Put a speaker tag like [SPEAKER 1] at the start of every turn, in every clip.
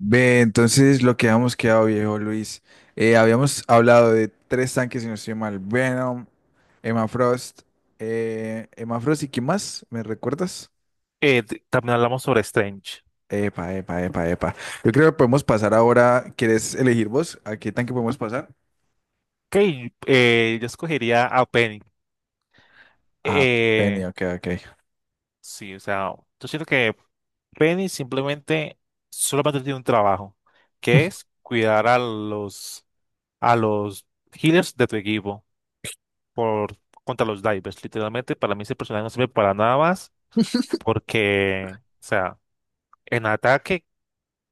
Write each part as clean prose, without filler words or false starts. [SPEAKER 1] Ve, entonces lo que habíamos quedado, viejo Luis, habíamos hablado de tres tanques, si no estoy mal, Venom, Emma Frost, Emma Frost y ¿qué más? ¿Me recuerdas?
[SPEAKER 2] También hablamos sobre Strange.
[SPEAKER 1] Epa, epa, epa, epa. Yo creo que podemos pasar ahora, ¿quieres elegir vos? ¿A qué tanque podemos pasar?
[SPEAKER 2] Ok, yo escogería a Penny.
[SPEAKER 1] Ah, Penny,
[SPEAKER 2] Eh,
[SPEAKER 1] ok, ok.
[SPEAKER 2] sí, o sea, yo siento que Penny simplemente solamente tiene un trabajo, que es cuidar a los healers de tu equipo por contra los divers. Literalmente, para mí ese personaje no sirve para nada más, porque, o sea, en ataque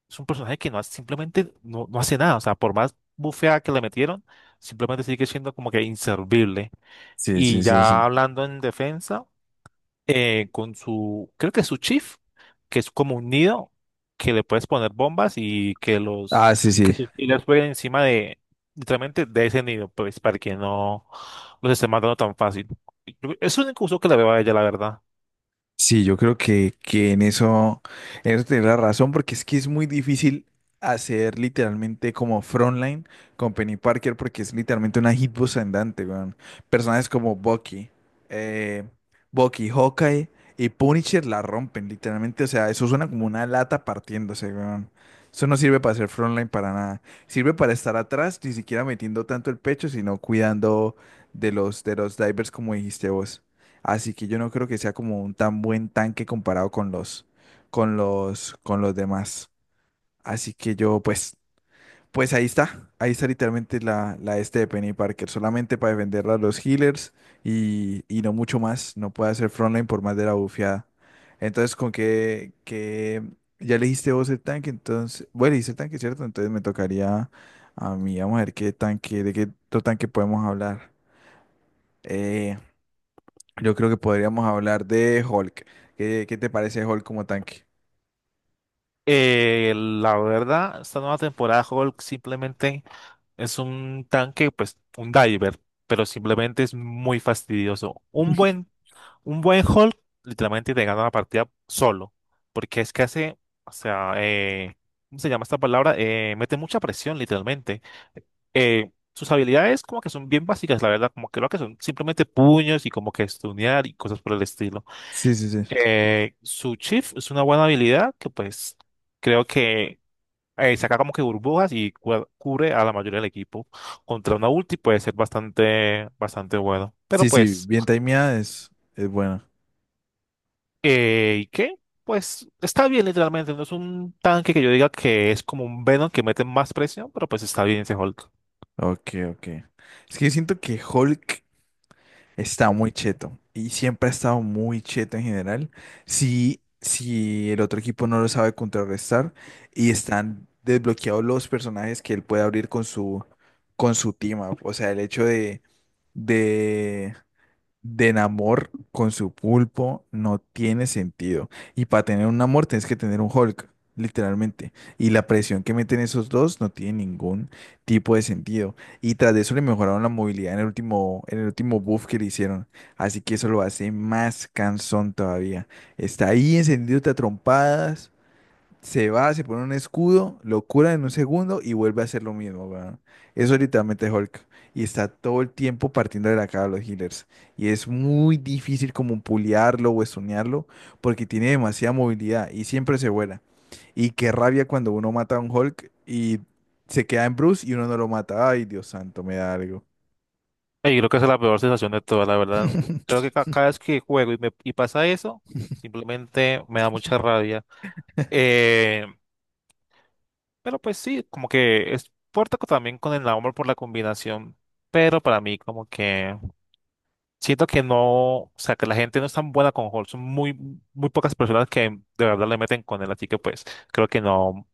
[SPEAKER 2] es un personaje que simplemente no hace nada. O sea, por más bufeada que le metieron, simplemente sigue siendo como que inservible.
[SPEAKER 1] Sí, sí,
[SPEAKER 2] Y
[SPEAKER 1] sí,
[SPEAKER 2] ya
[SPEAKER 1] sí.
[SPEAKER 2] hablando en defensa, con su, creo que su chief, que es como un nido, que le puedes poner bombas y que los
[SPEAKER 1] Ah, sí, sí.
[SPEAKER 2] Killers jueguen encima de, literalmente, de ese nido, pues, para que no los esté matando tan fácil. Es un único uso que le veo a ella, la verdad.
[SPEAKER 1] Sí, yo creo que en eso tenés la razón, porque es que es muy difícil hacer literalmente como frontline con Penny Parker, porque es literalmente una hitbox andante, weón. Personajes como Bucky, eh, Bucky, Hawkeye y Punisher la rompen, literalmente. O sea, eso suena como una lata partiéndose, weón. Eso no sirve para hacer frontline para nada. Sirve para estar atrás, ni siquiera metiendo tanto el pecho, sino cuidando de los divers, como dijiste vos. Así que yo no creo que sea como un tan buen tanque comparado con con los demás. Así que yo, pues, pues ahí está. Ahí está literalmente la este de Penny Parker. Solamente para defenderla a los healers y no mucho más. No puede hacer frontline por más de la bufiada. Entonces, con que ya elegiste vos el tanque, entonces, bueno, elegiste el tanque, ¿cierto? Entonces me tocaría a mí, vamos a ver qué tanque, de qué otro tanque podemos hablar. Eh, yo creo que podríamos hablar de Hulk. ¿Qué te parece Hulk como tanque?
[SPEAKER 2] La verdad, esta nueva temporada de Hulk simplemente es un tanque, pues un diver, pero simplemente es muy fastidioso. Un buen hold literalmente te gana la partida solo, porque es que hace, o sea, ¿cómo se llama esta palabra? Mete mucha presión literalmente. Sus habilidades como que son bien básicas, la verdad, como que lo que son simplemente puños y como que stunear y cosas por el estilo.
[SPEAKER 1] Sí, sí, sí.
[SPEAKER 2] Su chief es una buena habilidad que pues creo que saca como que burbujas y cubre a la mayoría del equipo. Contra una ulti puede ser bastante, bastante bueno. Pero
[SPEAKER 1] Sí, sí,
[SPEAKER 2] pues,
[SPEAKER 1] bien timeada es buena.
[SPEAKER 2] ¿y qué? Pues está bien literalmente, no es un tanque que yo diga que es como un Venom que mete más presión, pero pues está bien ese Hulk.
[SPEAKER 1] Ok, ok. Es que yo siento que Hulk está muy cheto y siempre ha estado muy cheto en general. Si el otro equipo no lo sabe contrarrestar y están desbloqueados los personajes que él puede abrir con con su team up. O sea, el hecho de, de amor con su pulpo no tiene sentido. Y para tener un amor tienes que tener un Hulk, literalmente. Y la presión que meten esos dos no tiene ningún tipo de sentido. Y tras de eso le mejoraron la movilidad en en el último buff que le hicieron. Así que eso lo hace más cansón todavía. Está ahí encendido a trompadas. Se va, se pone un escudo, lo cura en un segundo y vuelve a hacer lo mismo, weón. Eso es literalmente Hulk. Y está todo el tiempo partiendo de la cara a los healers. Y es muy difícil como puliarlo o estunearlo porque tiene demasiada movilidad y siempre se vuela. Y qué rabia cuando uno mata a un Hulk y se queda en Bruce y uno no lo mata. Ay, Dios santo, me da algo.
[SPEAKER 2] Y creo que esa es la peor sensación de todas, la verdad. Creo que cada vez que juego y, me, y pasa eso, simplemente me da mucha rabia. Eh, pero pues sí, como que es puerta también con el amor por la combinación. Pero para mí, como que siento que no, o sea, que la gente no es tan buena con Hall. Son muy, muy pocas personas que de verdad le meten con él. Así que pues creo que no,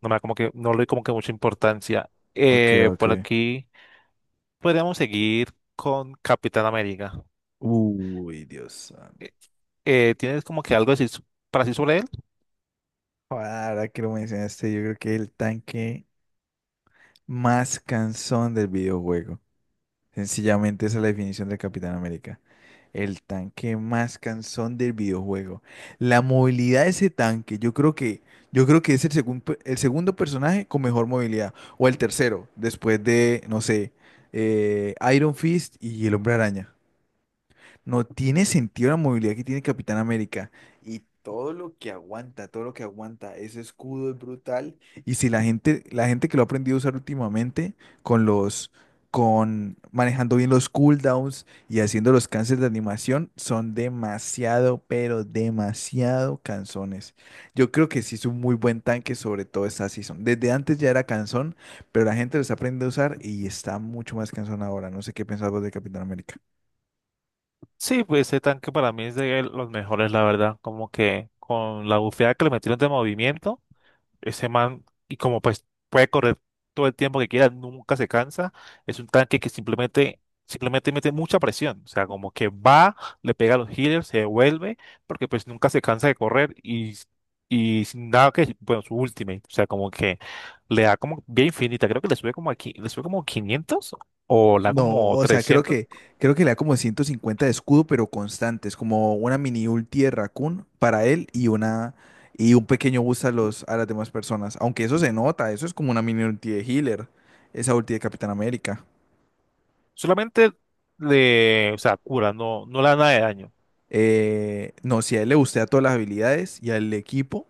[SPEAKER 2] no me da como que, no le doy como que mucha importancia.
[SPEAKER 1] Ok, ok.
[SPEAKER 2] Por aquí podríamos seguir con Capitán América.
[SPEAKER 1] Uy, Dios santo.
[SPEAKER 2] ¿Tienes como que algo decir para decir sobre él?
[SPEAKER 1] Ahora que lo mencionaste, yo creo que el tanque. Más cansón del videojuego. Sencillamente esa es la definición del Capitán América. El tanque más cansón del videojuego. La movilidad de ese tanque, yo creo que es el segundo personaje con mejor movilidad. O el tercero, después de, no sé, Iron Fist y el Hombre Araña. No tiene sentido la movilidad que tiene Capitán América. Y todo lo que aguanta, todo lo que aguanta, ese escudo es brutal. Y si la gente, la gente que lo ha aprendido a usar últimamente, con los, con manejando bien los cooldowns y haciendo los cancels de animación, son demasiado, pero demasiado cansones. Yo creo que sí es un muy buen tanque, sobre todo esta season. Desde antes ya era cansón, pero la gente lo está aprendiendo a usar y está mucho más cansón ahora. No sé qué pensás vos de Capitán América.
[SPEAKER 2] Sí, pues ese tanque para mí es de los mejores, la verdad. Como que con la bufeada que le metieron de movimiento. Ese man, y como pues puede correr todo el tiempo que quiera, nunca se cansa. Es un tanque que simplemente mete mucha presión. O sea, como que va, le pega a los healers, se devuelve, porque pues nunca se cansa de correr y sin nada que, bueno, su ultimate. O sea, como que le da como bien infinita. Creo que le sube como aquí, le sube como 500 o le da
[SPEAKER 1] No,
[SPEAKER 2] como
[SPEAKER 1] o sea,
[SPEAKER 2] 300.
[SPEAKER 1] creo que le da como 150 de escudo, pero constantes, como una mini ulti de Raccoon para él y una y un pequeño boost a a las demás personas. Aunque eso se nota, eso es como una mini ulti de healer, esa ulti de Capitán América.
[SPEAKER 2] Solamente le, o sea, cura, no le da nada de daño.
[SPEAKER 1] No, si a él le gustea todas las habilidades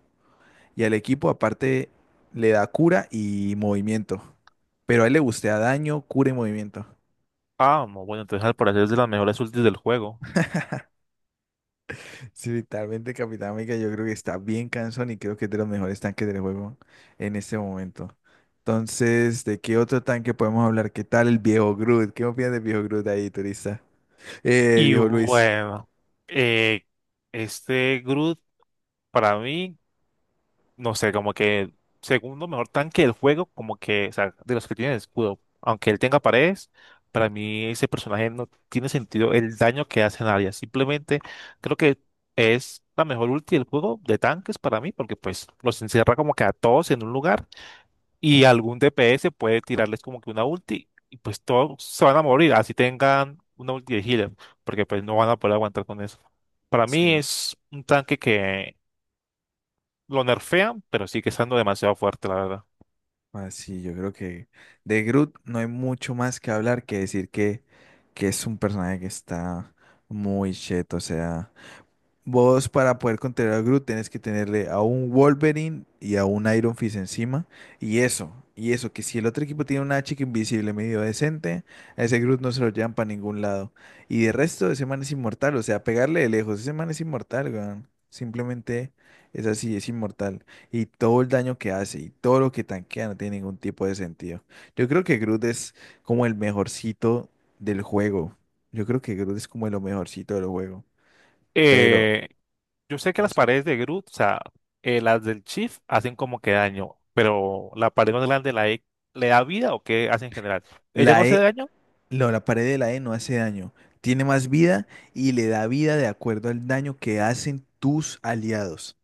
[SPEAKER 1] y al equipo aparte le da cura y movimiento. Pero a él le gustea daño, cura y movimiento.
[SPEAKER 2] Ah, no, bueno, entonces al parecer es de las mejores ultis del juego.
[SPEAKER 1] Sí, literalmente Capitán América yo creo que está bien cansón y creo que es de los mejores tanques del juego en este momento. Entonces, ¿de qué otro tanque podemos hablar? ¿Qué tal el viejo Groot? ¿Qué opinas del viejo Groot ahí, turista?
[SPEAKER 2] Y
[SPEAKER 1] Viejo Luis.
[SPEAKER 2] bueno, eh, este Groot para mí, no sé, como que el segundo mejor tanque del juego, como que, o sea, de los que tienen escudo, aunque él tenga paredes, para mí ese personaje no tiene sentido el daño que hace en área. Simplemente creo que es la mejor ulti del juego de tanques para mí, porque pues los encierra como que a todos en un lugar y algún DPS puede tirarles como que una ulti y pues todos se van a morir, así tengan una ulti de healer, porque pues no van a poder aguantar con eso. Para mí
[SPEAKER 1] Sí.
[SPEAKER 2] es un tanque que lo nerfean, pero sigue estando demasiado fuerte, la verdad.
[SPEAKER 1] Ah, sí, yo creo que de Groot no hay mucho más que hablar que es un personaje que está muy cheto, o sea. Vos para poder contener a Groot tenés que tenerle a un Wolverine y a un Iron Fist encima. Y eso, que si el otro equipo tiene una chica invisible medio decente, a ese Groot no se lo llevan para ningún lado. Y de resto, ese man es inmortal, o sea, pegarle de lejos, ese man es inmortal, weón. Simplemente es así, es inmortal. Y todo el daño que hace y todo lo que tanquea no tiene ningún tipo de sentido. Yo creo que Groot es como el mejorcito del juego. Yo creo que Groot es como lo mejorcito del juego. Pero,
[SPEAKER 2] Eh, yo sé que
[SPEAKER 1] no
[SPEAKER 2] las
[SPEAKER 1] sé.
[SPEAKER 2] paredes de Groot, o sea, las del Chief hacen como que daño, pero la pared más grande, la E, ¿le da vida o qué hace en general? Ella no
[SPEAKER 1] La
[SPEAKER 2] hace
[SPEAKER 1] E,
[SPEAKER 2] daño,
[SPEAKER 1] la pared de la E no hace daño, tiene más vida y le da vida de acuerdo al daño que hacen tus aliados.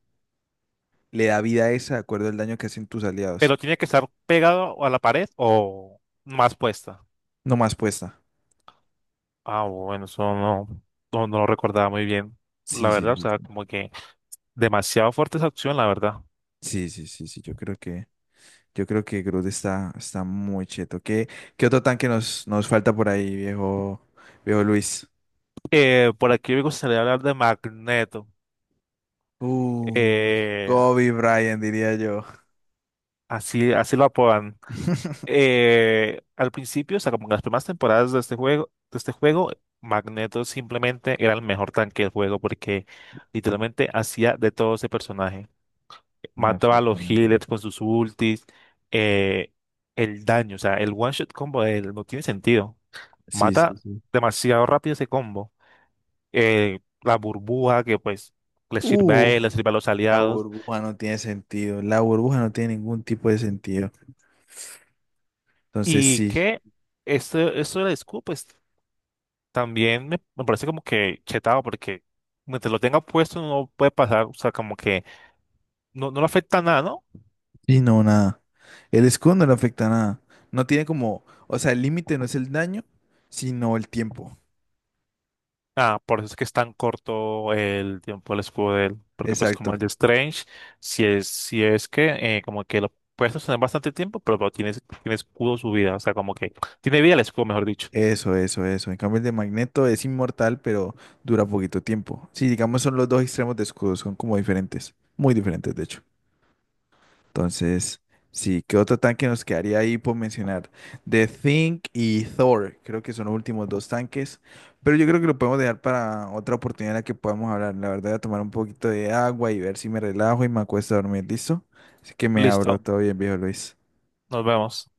[SPEAKER 1] Le da vida a esa de acuerdo al daño que hacen tus aliados.
[SPEAKER 2] pero tiene que estar pegado a la pared o más puesta.
[SPEAKER 1] No más puesta.
[SPEAKER 2] Ah, bueno, eso no, no, no lo recordaba muy bien,
[SPEAKER 1] Sí,
[SPEAKER 2] la
[SPEAKER 1] sí,
[SPEAKER 2] verdad, o
[SPEAKER 1] sí,
[SPEAKER 2] sea,
[SPEAKER 1] sí,
[SPEAKER 2] como que demasiado fuerte esa opción, la verdad.
[SPEAKER 1] sí, sí, sí, sí. Yo creo que Groot está, está muy cheto. ¿Qué otro tanque nos falta por ahí, viejo Luis?
[SPEAKER 2] Por aquí me a hablar de Magneto,
[SPEAKER 1] Uh,
[SPEAKER 2] eh,
[SPEAKER 1] Kobe Bryant, diría yo.
[SPEAKER 2] así, así lo apodan. Al principio, o sea, como en las primeras temporadas de este juego, Magneto simplemente era el mejor tanque del juego porque literalmente hacía de todo ese personaje. Mataba a los
[SPEAKER 1] Absolutamente.
[SPEAKER 2] healers con sus ultis, eh, el daño, o sea, el one shot combo de él no tiene sentido.
[SPEAKER 1] Sí, sí,
[SPEAKER 2] Mata
[SPEAKER 1] sí.
[SPEAKER 2] demasiado rápido ese combo. La burbuja que pues le sirve a él, le sirve a los
[SPEAKER 1] La
[SPEAKER 2] aliados.
[SPEAKER 1] burbuja no tiene sentido. La burbuja no tiene ningún tipo de sentido. Entonces
[SPEAKER 2] Y
[SPEAKER 1] sí,
[SPEAKER 2] que esto de la scoop pues también me parece como que chetado porque mientras lo tenga puesto no puede pasar, o sea, como que no le afecta nada, ¿no?
[SPEAKER 1] sí, no, nada. El escudo no le afecta a nada. No tiene como, o sea, el límite no es el daño, sino el tiempo.
[SPEAKER 2] Ah, por eso es que es tan corto el tiempo del escudo de él, porque pues como el
[SPEAKER 1] Exacto.
[SPEAKER 2] de Strange, si es, si es que como que lo puedes sostener bastante tiempo, pero tiene, tiene escudo su vida, o sea, como que tiene vida el escudo, mejor dicho.
[SPEAKER 1] Eso, eso, eso. En cambio, el de Magneto es inmortal, pero dura poquito tiempo. Sí, digamos, son los dos extremos de escudo, son como diferentes. Muy diferentes, de hecho. Entonces, sí, ¿qué otro tanque nos quedaría ahí por mencionar? The Think y Thor, creo que son los últimos dos tanques, pero yo creo que lo podemos dejar para otra oportunidad en la que podamos hablar. La verdad, voy a tomar un poquito de agua y ver si me relajo y me acuesto a dormir, ¿listo? Así que me abro,
[SPEAKER 2] Listo.
[SPEAKER 1] todo bien, viejo Luis.
[SPEAKER 2] Nos vemos.